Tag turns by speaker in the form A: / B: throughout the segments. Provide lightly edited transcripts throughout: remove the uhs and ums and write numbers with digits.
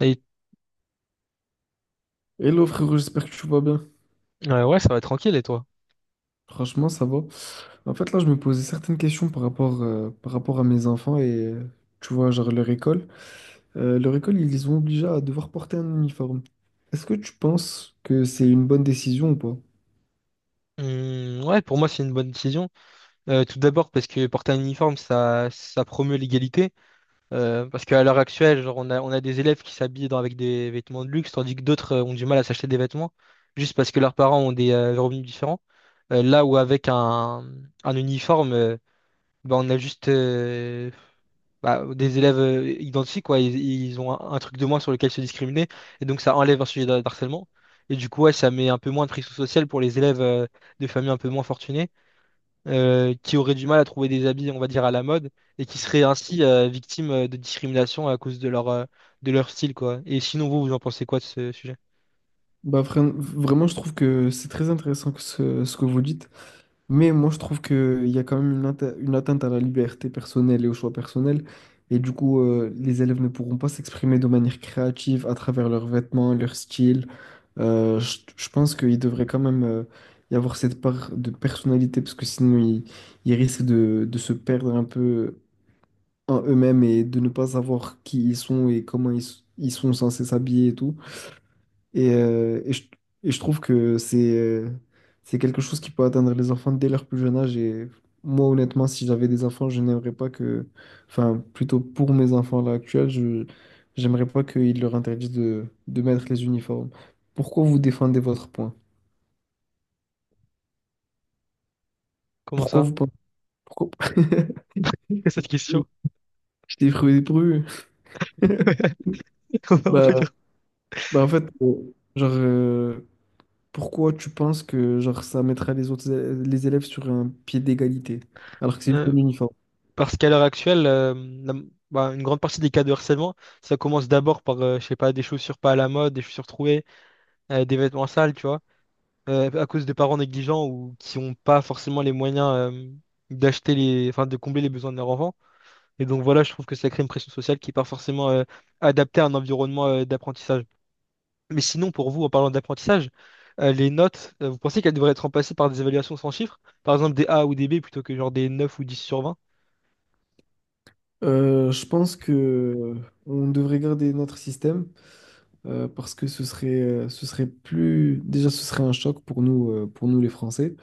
A: Et,
B: Hello frérot, j'espère que tu vas bien.
A: ouais, ça va tranquille, et toi?
B: Franchement, ça va. En fait, là, je me posais certaines questions par rapport à mes enfants et, tu vois, genre leur école. Leur école, ils les ont obligés à devoir porter un uniforme. Est-ce que tu penses que c'est une bonne décision ou pas?
A: Ouais, pour moi, c'est une bonne décision. Tout d'abord parce que porter un uniforme, ça promeut l'égalité. Parce qu'à l'heure actuelle, genre, on a des élèves qui s'habillent avec des vêtements de luxe, tandis que d'autres ont du mal à s'acheter des vêtements, juste parce que leurs parents ont des revenus différents. Là où avec un uniforme, bah, on a juste, bah, des élèves identiques, quoi, ils ont un truc de moins sur lequel se discriminer, et donc ça enlève un sujet d'harcèlement. Et du coup, ouais, ça met un peu moins de pression sociale pour les élèves de familles un peu moins fortunées, qui auraient du mal à trouver des habits, on va dire, à la mode, et qui seraient ainsi victimes de discrimination à cause de leur style, quoi. Et sinon, vous, vous en pensez quoi de ce sujet?
B: Bah, vraiment, je trouve que c'est très intéressant que ce que vous dites. Mais moi, je trouve qu'il y a quand même une atteinte à la liberté personnelle et au choix personnel. Et du coup, les élèves ne pourront pas s'exprimer de manière créative à travers leurs vêtements, leur style. Je pense qu'il devrait quand même y avoir cette part de personnalité parce que sinon ils risquent de se perdre un peu en eux-mêmes et de ne pas savoir qui ils sont et comment ils sont censés s'habiller et tout. Et, euh, et, je, et je trouve que c'est quelque chose qui peut atteindre les enfants dès leur plus jeune âge. Et moi, honnêtement, si j'avais des enfants, je n'aimerais pas enfin, plutôt pour mes enfants là actuels, je j'aimerais pas qu'ils leur interdisent de mettre les uniformes. Pourquoi vous défendez votre point?
A: Comment
B: Pourquoi
A: ça?
B: vous pensez? Pourquoi?
A: Cette question.
B: Je t'ai pris pru.
A: Comment on
B: Bah,
A: peut dire?
B: bah, en fait, pourquoi tu penses que genre ça mettra les autres les élèves sur un pied d'égalité, alors que c'est juste un uniforme?
A: Parce qu'à l'heure actuelle, la- bah, une grande partie des cas de harcèlement, ça commence d'abord par, je sais pas, des chaussures pas à la mode, des chaussures trouées, des vêtements sales, tu vois, à cause de parents négligents ou qui n'ont pas forcément les moyens, euh, d'acheter les, enfin, de combler les besoins de leur enfant. Et donc voilà, je trouve que ça crée une pression sociale qui n'est pas forcément, adaptée à un environnement, d'apprentissage. Mais sinon, pour vous, en parlant d'apprentissage, les notes, vous pensez qu'elles devraient être remplacées par des évaluations sans chiffres? Par exemple, des A ou des B plutôt que genre des 9 ou 10 sur 20?
B: Je pense que on devrait garder notre système parce que ce serait plus, déjà ce serait un choc pour nous les Français.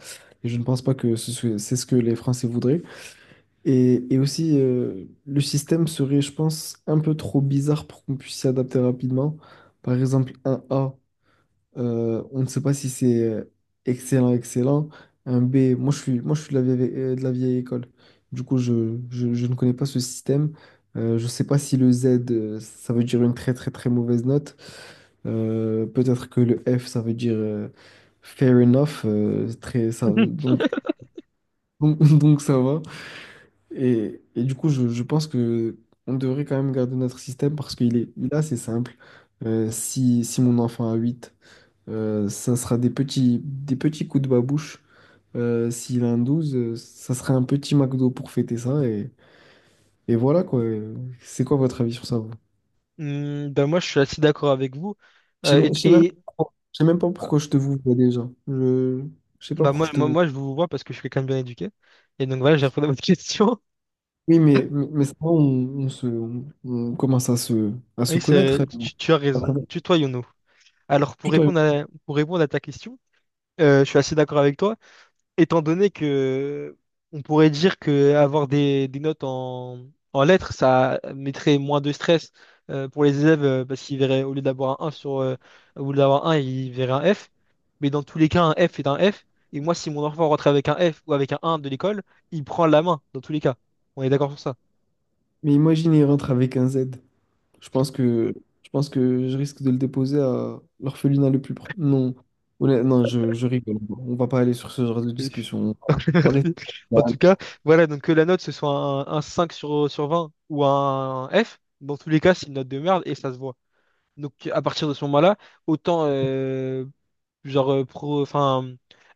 B: Et je ne pense pas que c'est ce que les Français voudraient. Et aussi, le système serait, je pense, un peu trop bizarre pour qu'on puisse s'y adapter rapidement. Par exemple, un A, on ne sait pas si c'est excellent, excellent. Un B, moi, je suis de la vieille école. Du coup, je ne connais pas ce système. Je ne sais pas si le Z, ça veut dire une très, très, très mauvaise note. Peut-être que le F, ça veut dire fair enough. Donc ça va. Je pense que on devrait quand même garder notre système parce qu'il est, il est assez simple. Si mon enfant a 8 ça sera des petits coups de babouche. S'il a un 12 ça sera un petit McDo pour fêter ça. Et voilà quoi. C'est quoi votre avis sur ça? Vous
A: Hmm, ben moi, je suis assez d'accord avec vous. Euh,
B: Je sais même,
A: et
B: pas
A: et
B: pourquoi- je sais même pas
A: quoi-
B: pourquoi je te vous vois déjà. Je sais pas
A: Bah
B: pourquoi
A: moi,
B: je te
A: moi,
B: vous.
A: moi, je vous vois parce que je suis quelqu'un de bien éduqué. Et donc voilà, j'ai répondu à votre question.
B: Oui, mais ça, on commence à
A: Oui,
B: se connaître.
A: tu as raison. Tutoyons-nous. Alors, pour
B: Plutôt
A: répondre à, pour répondre à ta question, je suis assez d'accord avec toi. Étant donné que on pourrait dire que avoir des notes en lettres, ça mettrait moins de stress pour les élèves parce qu'ils verraient, au lieu d'avoir un 1 sur, au lieu d'avoir un, ils verraient un F. Mais dans tous les cas, un F est un F. Et moi, si mon enfant rentre avec un F ou avec un de l'école, il prend la main, dans tous les cas. On est d'accord sur ça.
B: Mais imagine, il rentre avec un Z. Je pense que je pense que je risque de le déposer à l'orphelinat le plus proche. Non, non, je rigole. On va pas aller sur ce genre de
A: Oui.
B: discussion. On va rester.
A: Merci. En tout cas, voilà, donc que la note, ce soit un 5 sur 20 ou un F, dans tous les cas, c'est une note de merde et ça se voit. Donc à partir de ce moment-là, autant genre enfin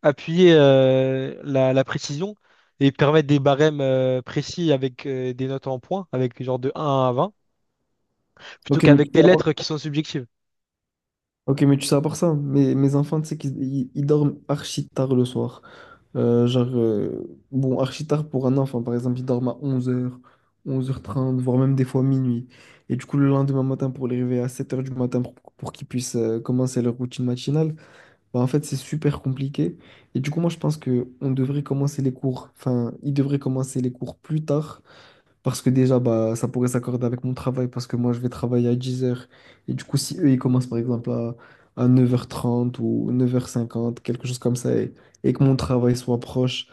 A: appuyer la précision et permettre des barèmes précis avec des notes en points, avec genre de 1 à 20, plutôt
B: Ok, mais tu
A: qu'avec des
B: sais, à part,
A: lettres qui sont subjectives.
B: ok, mais tu sais, à part ça, mes enfants, tu sais qu'ils ils dorment archi tard le soir. Archi tard pour un enfant, par exemple, ils dorment à 11 heures, 11 11h30, voire même des fois minuit. Et du coup, le lendemain matin, pour les réveiller à 7h du matin pour qu'ils puissent commencer leur routine matinale, bah, en fait, c'est super compliqué. Et du coup, moi, je pense que on devrait commencer les cours, enfin, ils devraient commencer les cours plus tard, parce que déjà, bah, ça pourrait s'accorder avec mon travail, parce que moi, je vais travailler à 10h. Et du coup, si eux, ils commencent, par exemple, à 9h30 ou 9h50, quelque chose comme ça, et que mon travail soit proche,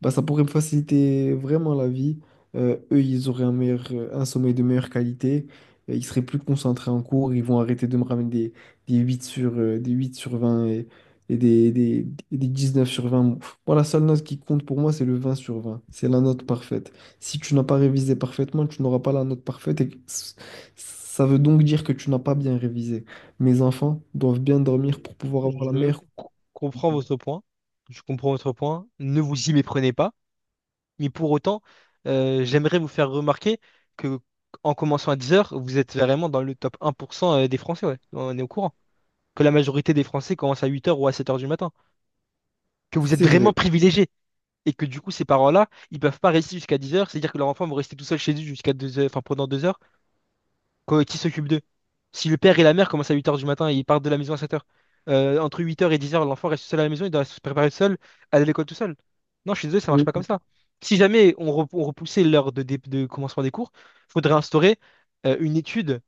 B: bah, ça pourrait me faciliter vraiment la vie. Eux, ils auraient un meilleur, un sommeil de meilleure qualité. Ils seraient plus concentrés en cours. Ils vont arrêter de me ramener des 8 des 8/20 et des 9/20. Moi, la seule note qui compte pour moi, c'est le 20/20. C'est la note parfaite. Si tu n'as pas révisé parfaitement, tu n'auras pas la note parfaite. Ça veut donc dire que tu n'as pas bien révisé. Mes enfants doivent bien dormir pour pouvoir avoir la meilleure.
A: Comprends votre point. Je comprends votre point. Ne vous y méprenez pas. Mais pour autant, j'aimerais vous faire remarquer que en commençant à 10 heures, vous êtes vraiment dans le top 1% des Français, ouais. On est au courant. Que la majorité des Français commencent à 8 heures ou à 7 heures du matin. Que vous êtes
B: C'est
A: vraiment
B: vrai.
A: privilégiés et que du coup, ces parents-là, ils peuvent pas rester jusqu'à 10 heures, c'est-à-dire que leur enfant va rester tout seul chez eux jusqu'à 2 heures, enfin pendant 2 heures, quoi, qui s'occupe d'eux? Si le père et la mère commencent à 8 heures du matin et ils partent de la maison à 7 heures, entre 8 heures et 10 heures, l'enfant reste seul à la maison, il doit se préparer seul, aller à l'école tout seul. Non, je suis désolé, ça marche pas comme ça. Si jamais on repoussait l'heure de commencement des cours, faudrait instaurer une étude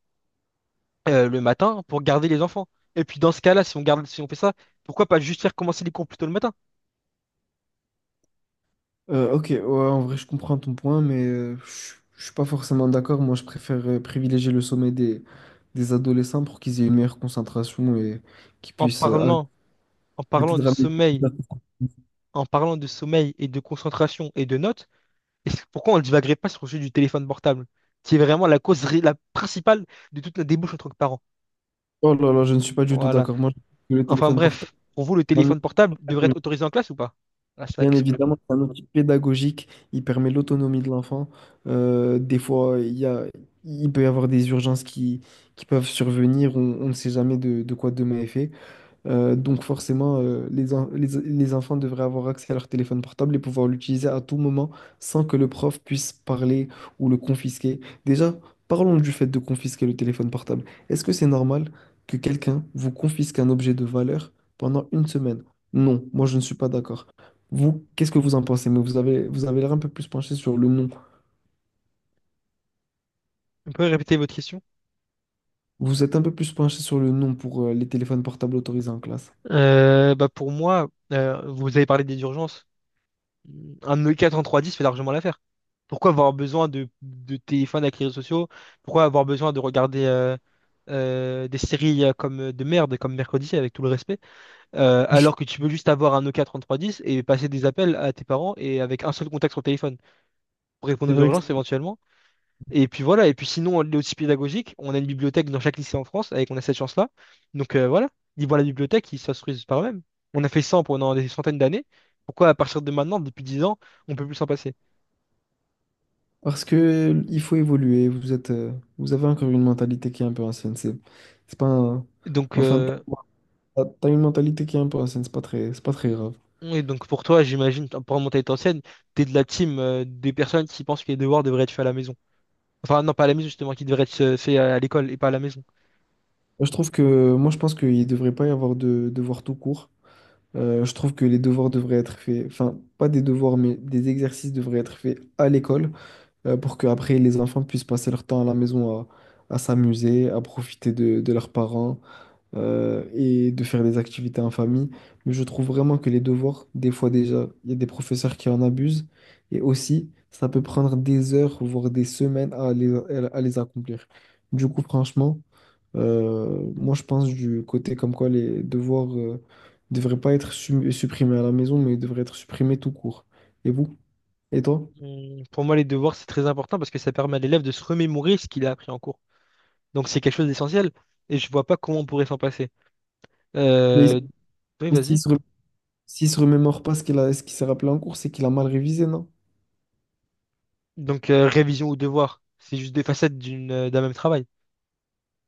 A: le matin pour garder les enfants. Et puis dans ce cas-là, si on garde, si on fait ça, pourquoi pas juste faire commencer les cours plus tôt le matin.
B: Ok, ouais, en vrai, je comprends ton point, mais je suis pas forcément d'accord. Moi, je préfère privilégier le sommet des adolescents pour qu'ils aient une meilleure concentration et qu'ils
A: en
B: puissent
A: parlant en
B: arrêter
A: parlant
B: de
A: de
B: ramener.
A: sommeil, en parlant de sommeil et de concentration et de notes, et c'est pourquoi on ne divaguerait pas sur le sujet du téléphone portable, qui est vraiment la cause la principale de toute la débouche entre parents.
B: Oh là là, je ne suis pas du tout
A: Voilà.
B: d'accord. Moi, je trouve que le
A: Enfin
B: téléphone portable,
A: bref, pour vous, le
B: c'est un outil-
A: téléphone portable devrait être autorisé en classe ou pas? Ah, c'est la
B: bien
A: question que j'ai-
B: évidemment, c'est un outil pédagogique. Il permet l'autonomie de l'enfant. Des fois, il y a, il peut y avoir des urgences qui peuvent survenir. On ne sait jamais de quoi demain est fait. Donc forcément, les enfants devraient avoir accès à leur téléphone portable et pouvoir l'utiliser à tout moment sans que le prof puisse parler ou le confisquer. Déjà, parlons du fait de confisquer le téléphone portable. Est-ce que c'est normal que quelqu'un vous confisque un objet de valeur pendant une semaine? Non, moi je ne suis pas d'accord. Vous, qu'est-ce que vous en pensez? Mais vous avez l'air un peu plus penché sur le non.
A: Vous pouvez répéter votre question?
B: Vous êtes un peu plus penché sur le non pour les téléphones portables autorisés en classe.
A: Bah pour moi, vous avez parlé des urgences. Un E4 en 310 fait largement l'affaire. Pourquoi avoir besoin de téléphone avec les réseaux sociaux? Pourquoi avoir besoin de regarder des séries comme de merde, comme Mercredi, avec tout le respect, alors que tu peux juste avoir un Nokia 3310 et passer des appels à tes parents et avec un seul contact sur le téléphone pour répondre
B: C'est
A: aux
B: vrai que
A: urgences éventuellement. Et puis voilà, et puis sinon, on est aussi pédagogique. On a une bibliothèque dans chaque lycée en France, avec on a cette chance-là. Donc voilà, ils vont à la bibliothèque, ils s'instruisent par eux-mêmes. On a fait ça pendant des centaines d'années. Pourquoi à partir de maintenant, depuis 10 ans, on peut plus s'en passer?
B: parce que il faut évoluer, vous avez encore une mentalité qui est un peu ancienne. C'est pas un-
A: Donc,
B: enfin,
A: euh,
B: t'as une mentalité qui est un peu ancienne, c'est pas très grave.
A: Oui, donc pour toi, j'imagine, pour remonter ton scène, t'es de la team des personnes qui pensent que les devoirs devraient être faits à la maison. Enfin, non, pas à la maison, justement, qui devraient être faits à l'école et pas à la maison.
B: Moi, moi, je pense qu'il devrait pas y avoir de devoirs tout court. Je trouve que les devoirs devraient être faits, enfin, pas des devoirs, mais des exercices devraient être faits à l'école pour que après les enfants puissent passer leur temps à la maison à s'amuser, à profiter de leurs parents et de faire des activités en famille. Mais je trouve vraiment que les devoirs, des fois déjà, il y a des professeurs qui en abusent. Et aussi, ça peut prendre des heures, voire des semaines à à les accomplir. Du coup, franchement, moi, je pense du côté comme quoi les devoirs ne devraient pas être supprimés à la maison, mais devraient être supprimés tout court. Et vous? Et toi?
A: Pour moi, les devoirs, c'est très important parce que ça permet à l'élève de se remémorer ce qu'il a appris en cours. Donc, c'est quelque chose d'essentiel et je vois pas comment on pourrait s'en passer.
B: Mais
A: Euh, Oui,
B: s'il
A: vas-y.
B: se, re- s'il se remémore pas ce qu'il a, ce qu'il s'est rappelé en cours, c'est qu'il a mal révisé, non?
A: Donc, révision ou devoir, c'est juste des facettes d'un même travail.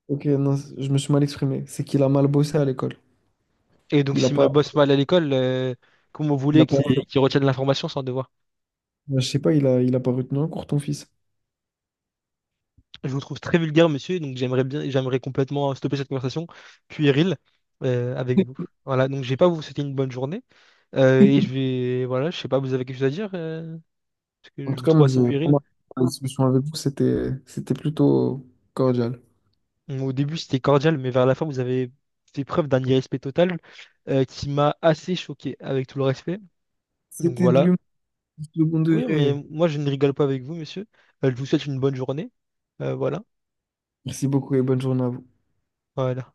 B: Je me suis mal exprimé. C'est qu'il a mal bossé à l'école.
A: Et donc,
B: Il a
A: si ma
B: pas,
A: bosse mal à l'école, comment vous
B: il a
A: voulez
B: pas,
A: qu'il retienne l'information sans devoir?
B: je sais pas, il a pas retenu un cours, ton fils.
A: Je vous trouve très vulgaire, monsieur, donc j'aimerais bien, j'aimerais complètement stopper cette conversation puérile avec vous. Voilà, donc je vais pas vous souhaiter une bonne journée et je vais, voilà, je sais pas, vous avez quelque chose à dire parce que
B: En
A: je
B: tout
A: vous
B: cas,
A: trouve
B: moi, j'ai
A: assez puéril.
B: remarqué la discussion avec vous, c'était plutôt cordial.
A: Bon, au début, c'était cordial, mais vers la fin, vous avez fait preuve d'un irrespect total qui m'a assez choqué, avec tout le respect. Donc
B: C'était de
A: voilà.
B: l'humour du second
A: Oui, mais
B: degré.
A: moi, je ne rigole pas avec vous, monsieur. Je vous souhaite une bonne journée. Voilà.
B: Merci beaucoup et bonne journée à vous.
A: Voilà.